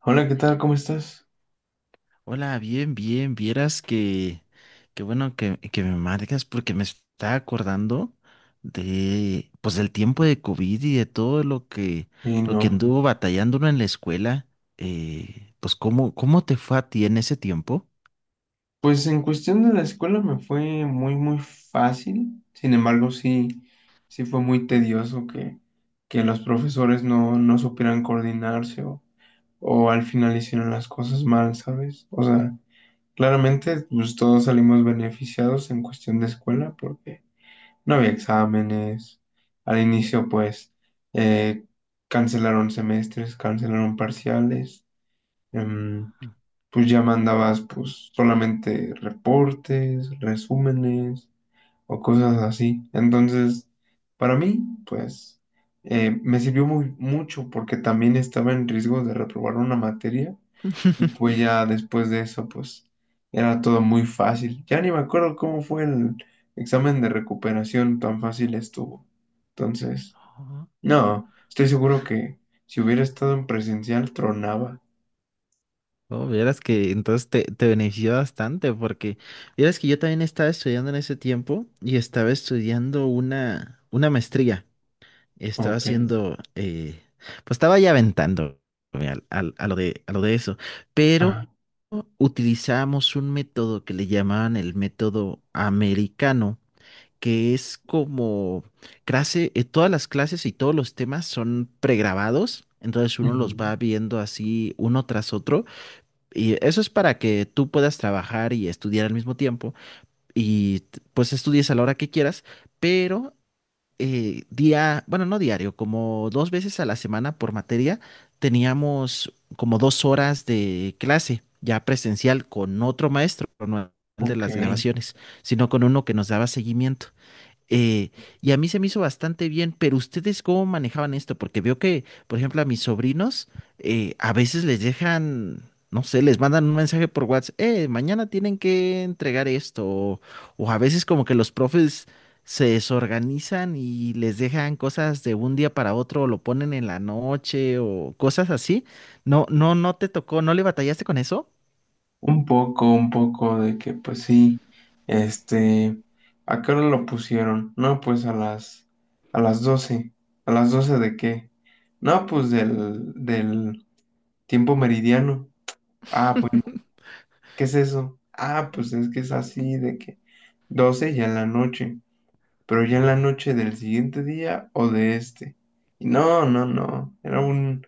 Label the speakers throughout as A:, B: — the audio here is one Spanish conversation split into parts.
A: Hola, ¿qué tal? ¿Cómo estás?
B: Hola, bien, bien. Vieras que, qué bueno que me marcas porque me está acordando de, pues, del tiempo de COVID y de todo
A: Y
B: lo que
A: no.
B: anduvo batallando uno en la escuela. Pues, ¿cómo te fue a ti en ese tiempo?
A: Pues en cuestión de la escuela me fue muy, muy fácil. Sin embargo, sí, sí fue muy tedioso que los profesores no supieran coordinarse o al final hicieron las cosas mal, ¿sabes? O sea, claramente pues todos salimos beneficiados en cuestión de escuela porque no había exámenes. Al inicio, pues, eh, cancelaron semestres, cancelaron parciales. em, pues ya mandabas pues solamente reportes, resúmenes o cosas así. Entonces, para mí, pues me sirvió muy mucho porque también estaba en riesgo de reprobar una materia, y pues ya después de eso, pues era todo muy fácil. Ya ni me acuerdo cómo fue el examen de recuperación, tan fácil estuvo. Entonces,
B: Ajá.
A: no, estoy seguro que si hubiera estado en presencial, tronaba.
B: Oh, vieras que entonces te benefició bastante porque vieras que yo también estaba estudiando en ese tiempo y estaba estudiando una maestría. Estaba
A: Ok.
B: haciendo, pues estaba ya aventando a lo de eso, pero
A: Ajá.
B: utilizamos un método que le llamaban el método americano, que es como clase, todas las clases y todos los temas son pregrabados, entonces uno los
A: Ujú.
B: va viendo así uno tras otro, y eso es para que tú puedas trabajar y estudiar al mismo tiempo, y pues estudies a la hora que quieras, pero bueno, no diario, como dos veces a la semana por materia, teníamos como 2 horas de clase ya presencial con otro maestro, no el de
A: Ok,
B: las grabaciones, sino con uno que nos daba seguimiento. Eh, y a mí se me hizo bastante bien, pero ¿ustedes cómo manejaban esto? Porque veo que, por ejemplo, a mis sobrinos a veces les dejan, no sé, les mandan un mensaje por WhatsApp, mañana tienen que entregar esto, o a veces como que los profes se desorganizan y les dejan cosas de un día para otro, o lo ponen en la noche, o cosas así. No, no, no te tocó, ¿no le batallaste con eso?
A: un poco de que pues sí, este, ¿a qué hora lo pusieron? No, pues a las doce. ¿A las 12 de qué? No, pues del tiempo meridiano. Ah, pues, ¿qué es eso? Ah, pues es que es así de que 12 ya en la noche. Pero ya en la
B: Mm.
A: noche del siguiente día o de este. Y no, era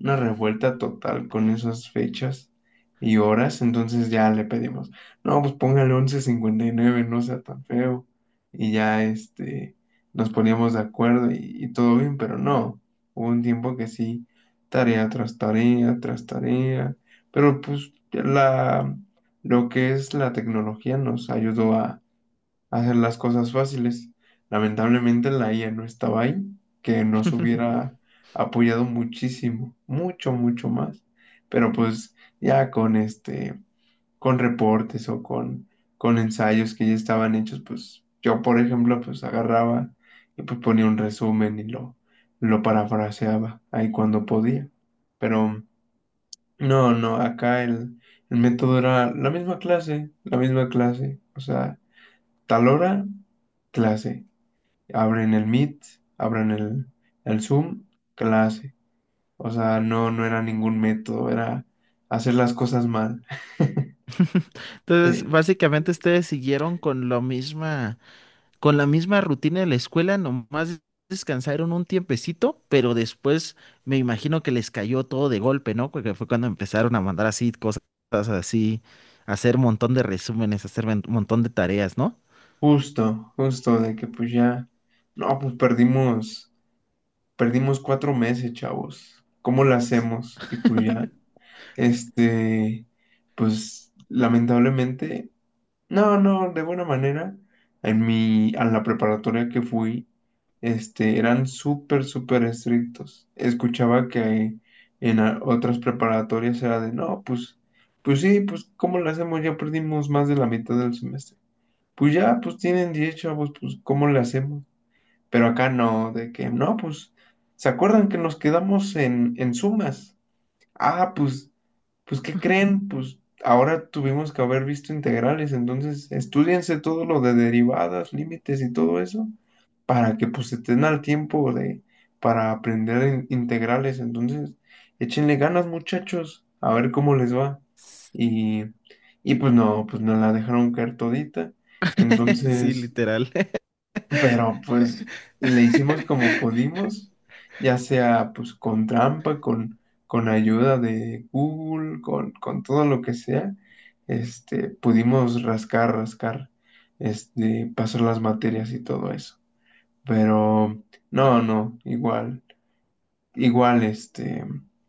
A: una revuelta total con esas fechas y horas, entonces ya le pedimos, no, pues póngale once cincuenta y nueve, no sea tan feo. Y ya nos poníamos de acuerdo, y todo bien, pero no, hubo un tiempo que sí, tarea tras tarea, tras tarea, pero pues lo que es la tecnología nos ayudó a hacer las cosas fáciles. Lamentablemente la IA no estaba ahí, que nos hubiera apoyado muchísimo, mucho, mucho más. Pero pues ya con con reportes o con ensayos que ya estaban hechos, pues yo, por ejemplo, pues agarraba y pues ponía un resumen y lo parafraseaba ahí cuando podía. Pero no, no, acá el método era la misma clase, o sea tal hora, clase. Abren el Meet, abren el, el Zoom, clase. O sea, no era ningún método, era hacer las cosas mal.
B: Entonces,
A: Sí,
B: básicamente ustedes siguieron con lo misma. Con la misma rutina de la escuela, nomás descansaron un tiempecito, pero después me imagino que les cayó todo de golpe, ¿no? Porque fue cuando empezaron a mandar así cosas así, a hacer un montón de resúmenes, a hacer un montón de tareas, ¿no?
A: justo, justo de que pues ya, no, pues perdimos cuatro meses, chavos. ¿Cómo lo hacemos? Y pues ya, este, pues lamentablemente. No, no, de buena manera. En mi, a la preparatoria que fui, eran súper, súper estrictos. Escuchaba que en otras preparatorias era de, no, pues, pues sí, pues, ¿cómo le hacemos? Ya perdimos más de la mitad del semestre. Pues ya, pues tienen 10 chavos, pues, ¿cómo le hacemos? Pero acá no, de que, no, pues, ¿se acuerdan que nos quedamos en sumas? Ah, pues, pues, ¿qué creen? Pues ahora tuvimos que haber visto integrales, entonces estudiense todo lo de derivadas, límites y todo eso, para que pues estén al tiempo de, para aprender integrales. Entonces, échenle ganas, muchachos, a ver cómo les va. Y, y pues no, pues nos la dejaron caer todita.
B: Sí,
A: Entonces,
B: literal.
A: pero pues le hicimos como pudimos, ya sea pues con trampa, con ayuda de Google, con todo lo que sea, pudimos rascar, rascar, pasar las materias y todo eso. Pero no, no, igual,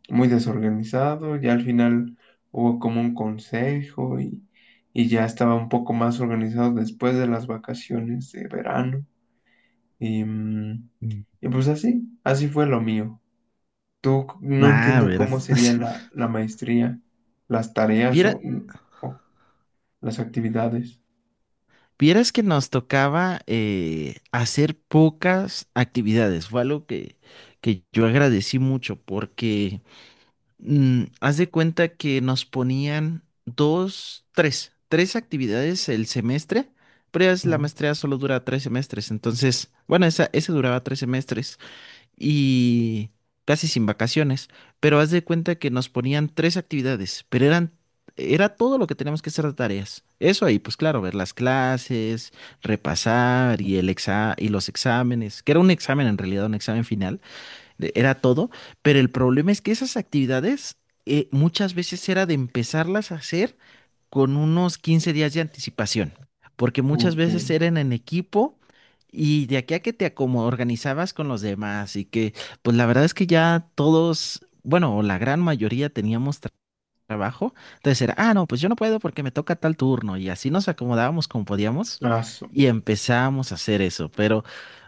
A: muy desorganizado, ya al final hubo como un consejo, y ya estaba un poco más organizado después de las vacaciones de verano. Y,
B: Mm.
A: y pues así, así fue lo mío. No
B: Ah,
A: entiendo cómo
B: verás.
A: sería la maestría, las tareas
B: Viera-
A: o, o las actividades.
B: Vieras que nos tocaba hacer pocas actividades. Fue algo que yo agradecí mucho porque haz de cuenta que nos ponían dos, tres actividades el semestre, pero ya es la
A: Ah,
B: maestría solo dura 3 semestres, entonces, bueno, ese duraba 3 semestres y casi sin vacaciones, pero haz de cuenta que nos ponían tres actividades, pero era todo lo que teníamos que hacer de tareas. Eso ahí, pues claro, ver las clases, repasar y el exa y los exámenes, que era un examen en realidad, un examen final era todo, pero el problema es que esas actividades muchas veces era de empezarlas a hacer con unos 15 días de anticipación, porque muchas
A: Ok,
B: veces eran en equipo y de aquí a que te organizabas con los demás y que pues la verdad es que ya todos, bueno, o la gran mayoría teníamos trabajo. Entonces era, ah, no, pues yo no puedo porque me toca tal turno. Y así nos acomodábamos como podíamos
A: eso.
B: y empezábamos a hacer eso. Pero,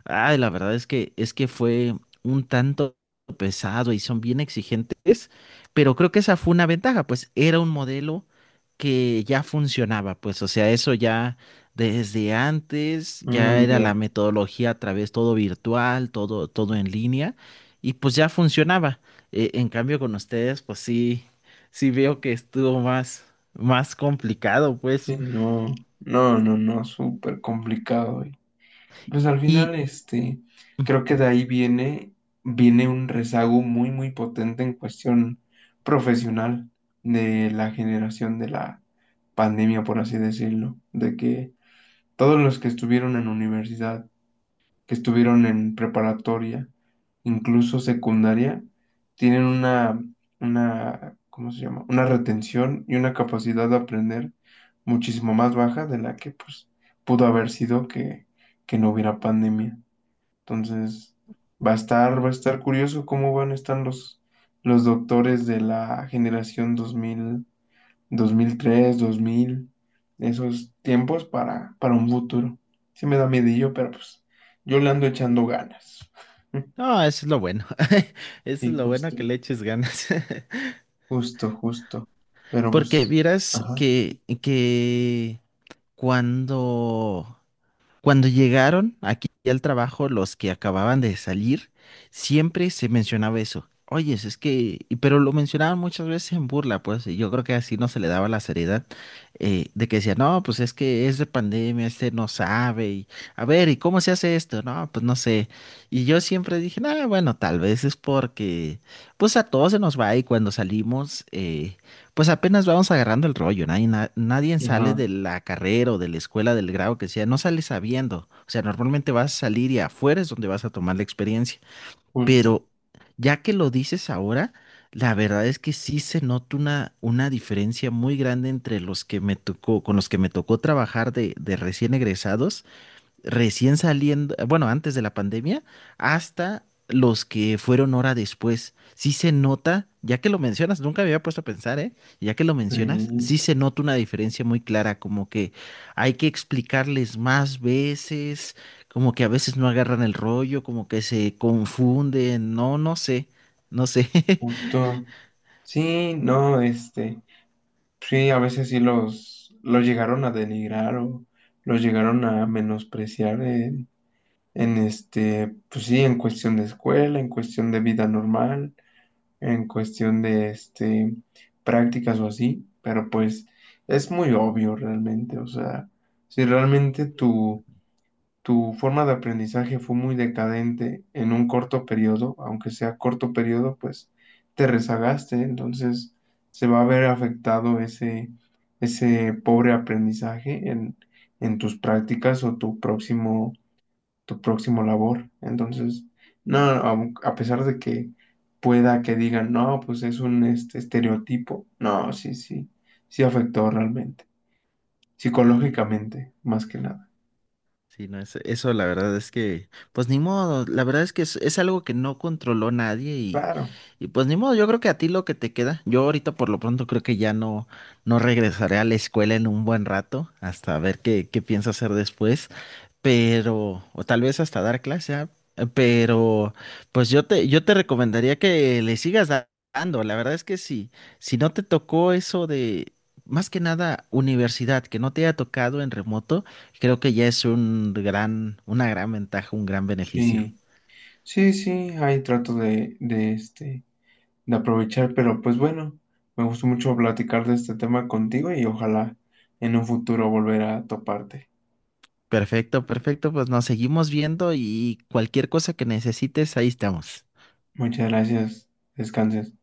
B: ay, la verdad es que fue un tanto pesado y son bien exigentes, pero creo que esa fue una ventaja, pues era un modelo que ya funcionaba, pues, o sea, eso ya desde antes, ya era
A: Ya.
B: la metodología a través todo virtual, todo, todo en línea, y pues ya funcionaba. En cambio, con ustedes, pues sí sí veo que estuvo más complicado, pues.
A: Sí, no, súper complicado. Y pues al final,
B: Y
A: creo que de ahí viene, viene un rezago muy, muy potente en cuestión profesional de la generación de la pandemia, por así decirlo, de que todos los que estuvieron en universidad, que estuvieron en preparatoria, incluso secundaria, tienen una, ¿cómo se llama? Una retención y una capacidad de aprender muchísimo más baja de la que pues pudo haber sido que no hubiera pandemia. Entonces, va a estar curioso cómo van a estar los doctores de la generación 2000, dos mil tres, dos mil, esos tiempos, para un futuro. Sí me da miedillo, pero pues yo le ando echando ganas.
B: no, eso es lo bueno. Eso
A: Y
B: es lo bueno que le eches ganas.
A: justo. Pero
B: Porque
A: pues,
B: vieras
A: ajá,
B: que cuando Cuando llegaron aquí al trabajo, los que acababan de salir, siempre se mencionaba eso. Oye, es que, pero lo mencionaban muchas veces en burla, pues, y yo creo que así no se le daba la seriedad de que decía, no, pues es que es de pandemia, este no sabe, y a ver, ¿y cómo se hace esto? No, pues no sé. Y yo siempre dije, no, bueno, tal vez es porque, pues a todos se nos va y cuando salimos, pues apenas vamos agarrando el rollo, nadie, nadie sale
A: ajá,
B: de la carrera o de la escuela, del grado que sea, no sale sabiendo. O sea, normalmente vas a salir y afuera es donde vas a tomar la experiencia.
A: justo.
B: Pero ya que lo dices ahora, la verdad es que sí se nota una diferencia muy grande entre los que me tocó, con los que me tocó trabajar de recién egresados recién saliendo, bueno, antes de la pandemia, hasta los que fueron hora después. Sí se nota, ya que lo mencionas, nunca me había puesto a pensar, ¿eh? Ya que lo mencionas,
A: Sí,
B: sí se nota una diferencia muy clara, como que hay que explicarles más veces, como que a veces no agarran el rollo, como que se confunden, no, no sé, no sé.
A: justo. Sí, no, sí, a veces sí los llegaron a denigrar o los llegaron a menospreciar en pues sí, en cuestión de escuela, en cuestión de vida normal. En cuestión de prácticas o así, pero pues es muy obvio realmente, o sea, si realmente tu forma de aprendizaje fue muy decadente en un corto periodo, aunque sea corto periodo, pues te rezagaste, entonces se va a ver afectado ese pobre aprendizaje en tus prácticas o tu próximo, tu próximo labor. Entonces, no, pesar de que pueda que digan, no, pues es un estereotipo, no, sí afectó realmente,
B: Y-
A: psicológicamente, más que nada.
B: Sí, no, eso la verdad es que, pues ni modo, la verdad es que es algo que no controló nadie y,
A: Claro,
B: y pues ni modo, yo creo que a ti lo que te queda, yo ahorita por lo pronto creo que ya no, no regresaré a la escuela en un buen rato, hasta ver qué pienso hacer después pero, o tal vez hasta dar clase, ah, pero, pues yo te recomendaría que le sigas dando. La verdad es que sí, si no te tocó eso de, más que nada, universidad, que no te haya tocado en remoto, creo que ya es un gran, una gran ventaja, un gran beneficio.
A: sí, sí, ahí trato de aprovechar, pero pues bueno, me gustó mucho platicar de este tema contigo y ojalá en un futuro volver a toparte.
B: Perfecto, perfecto, pues nos seguimos viendo y cualquier cosa que necesites, ahí estamos.
A: Muchas gracias, descanses.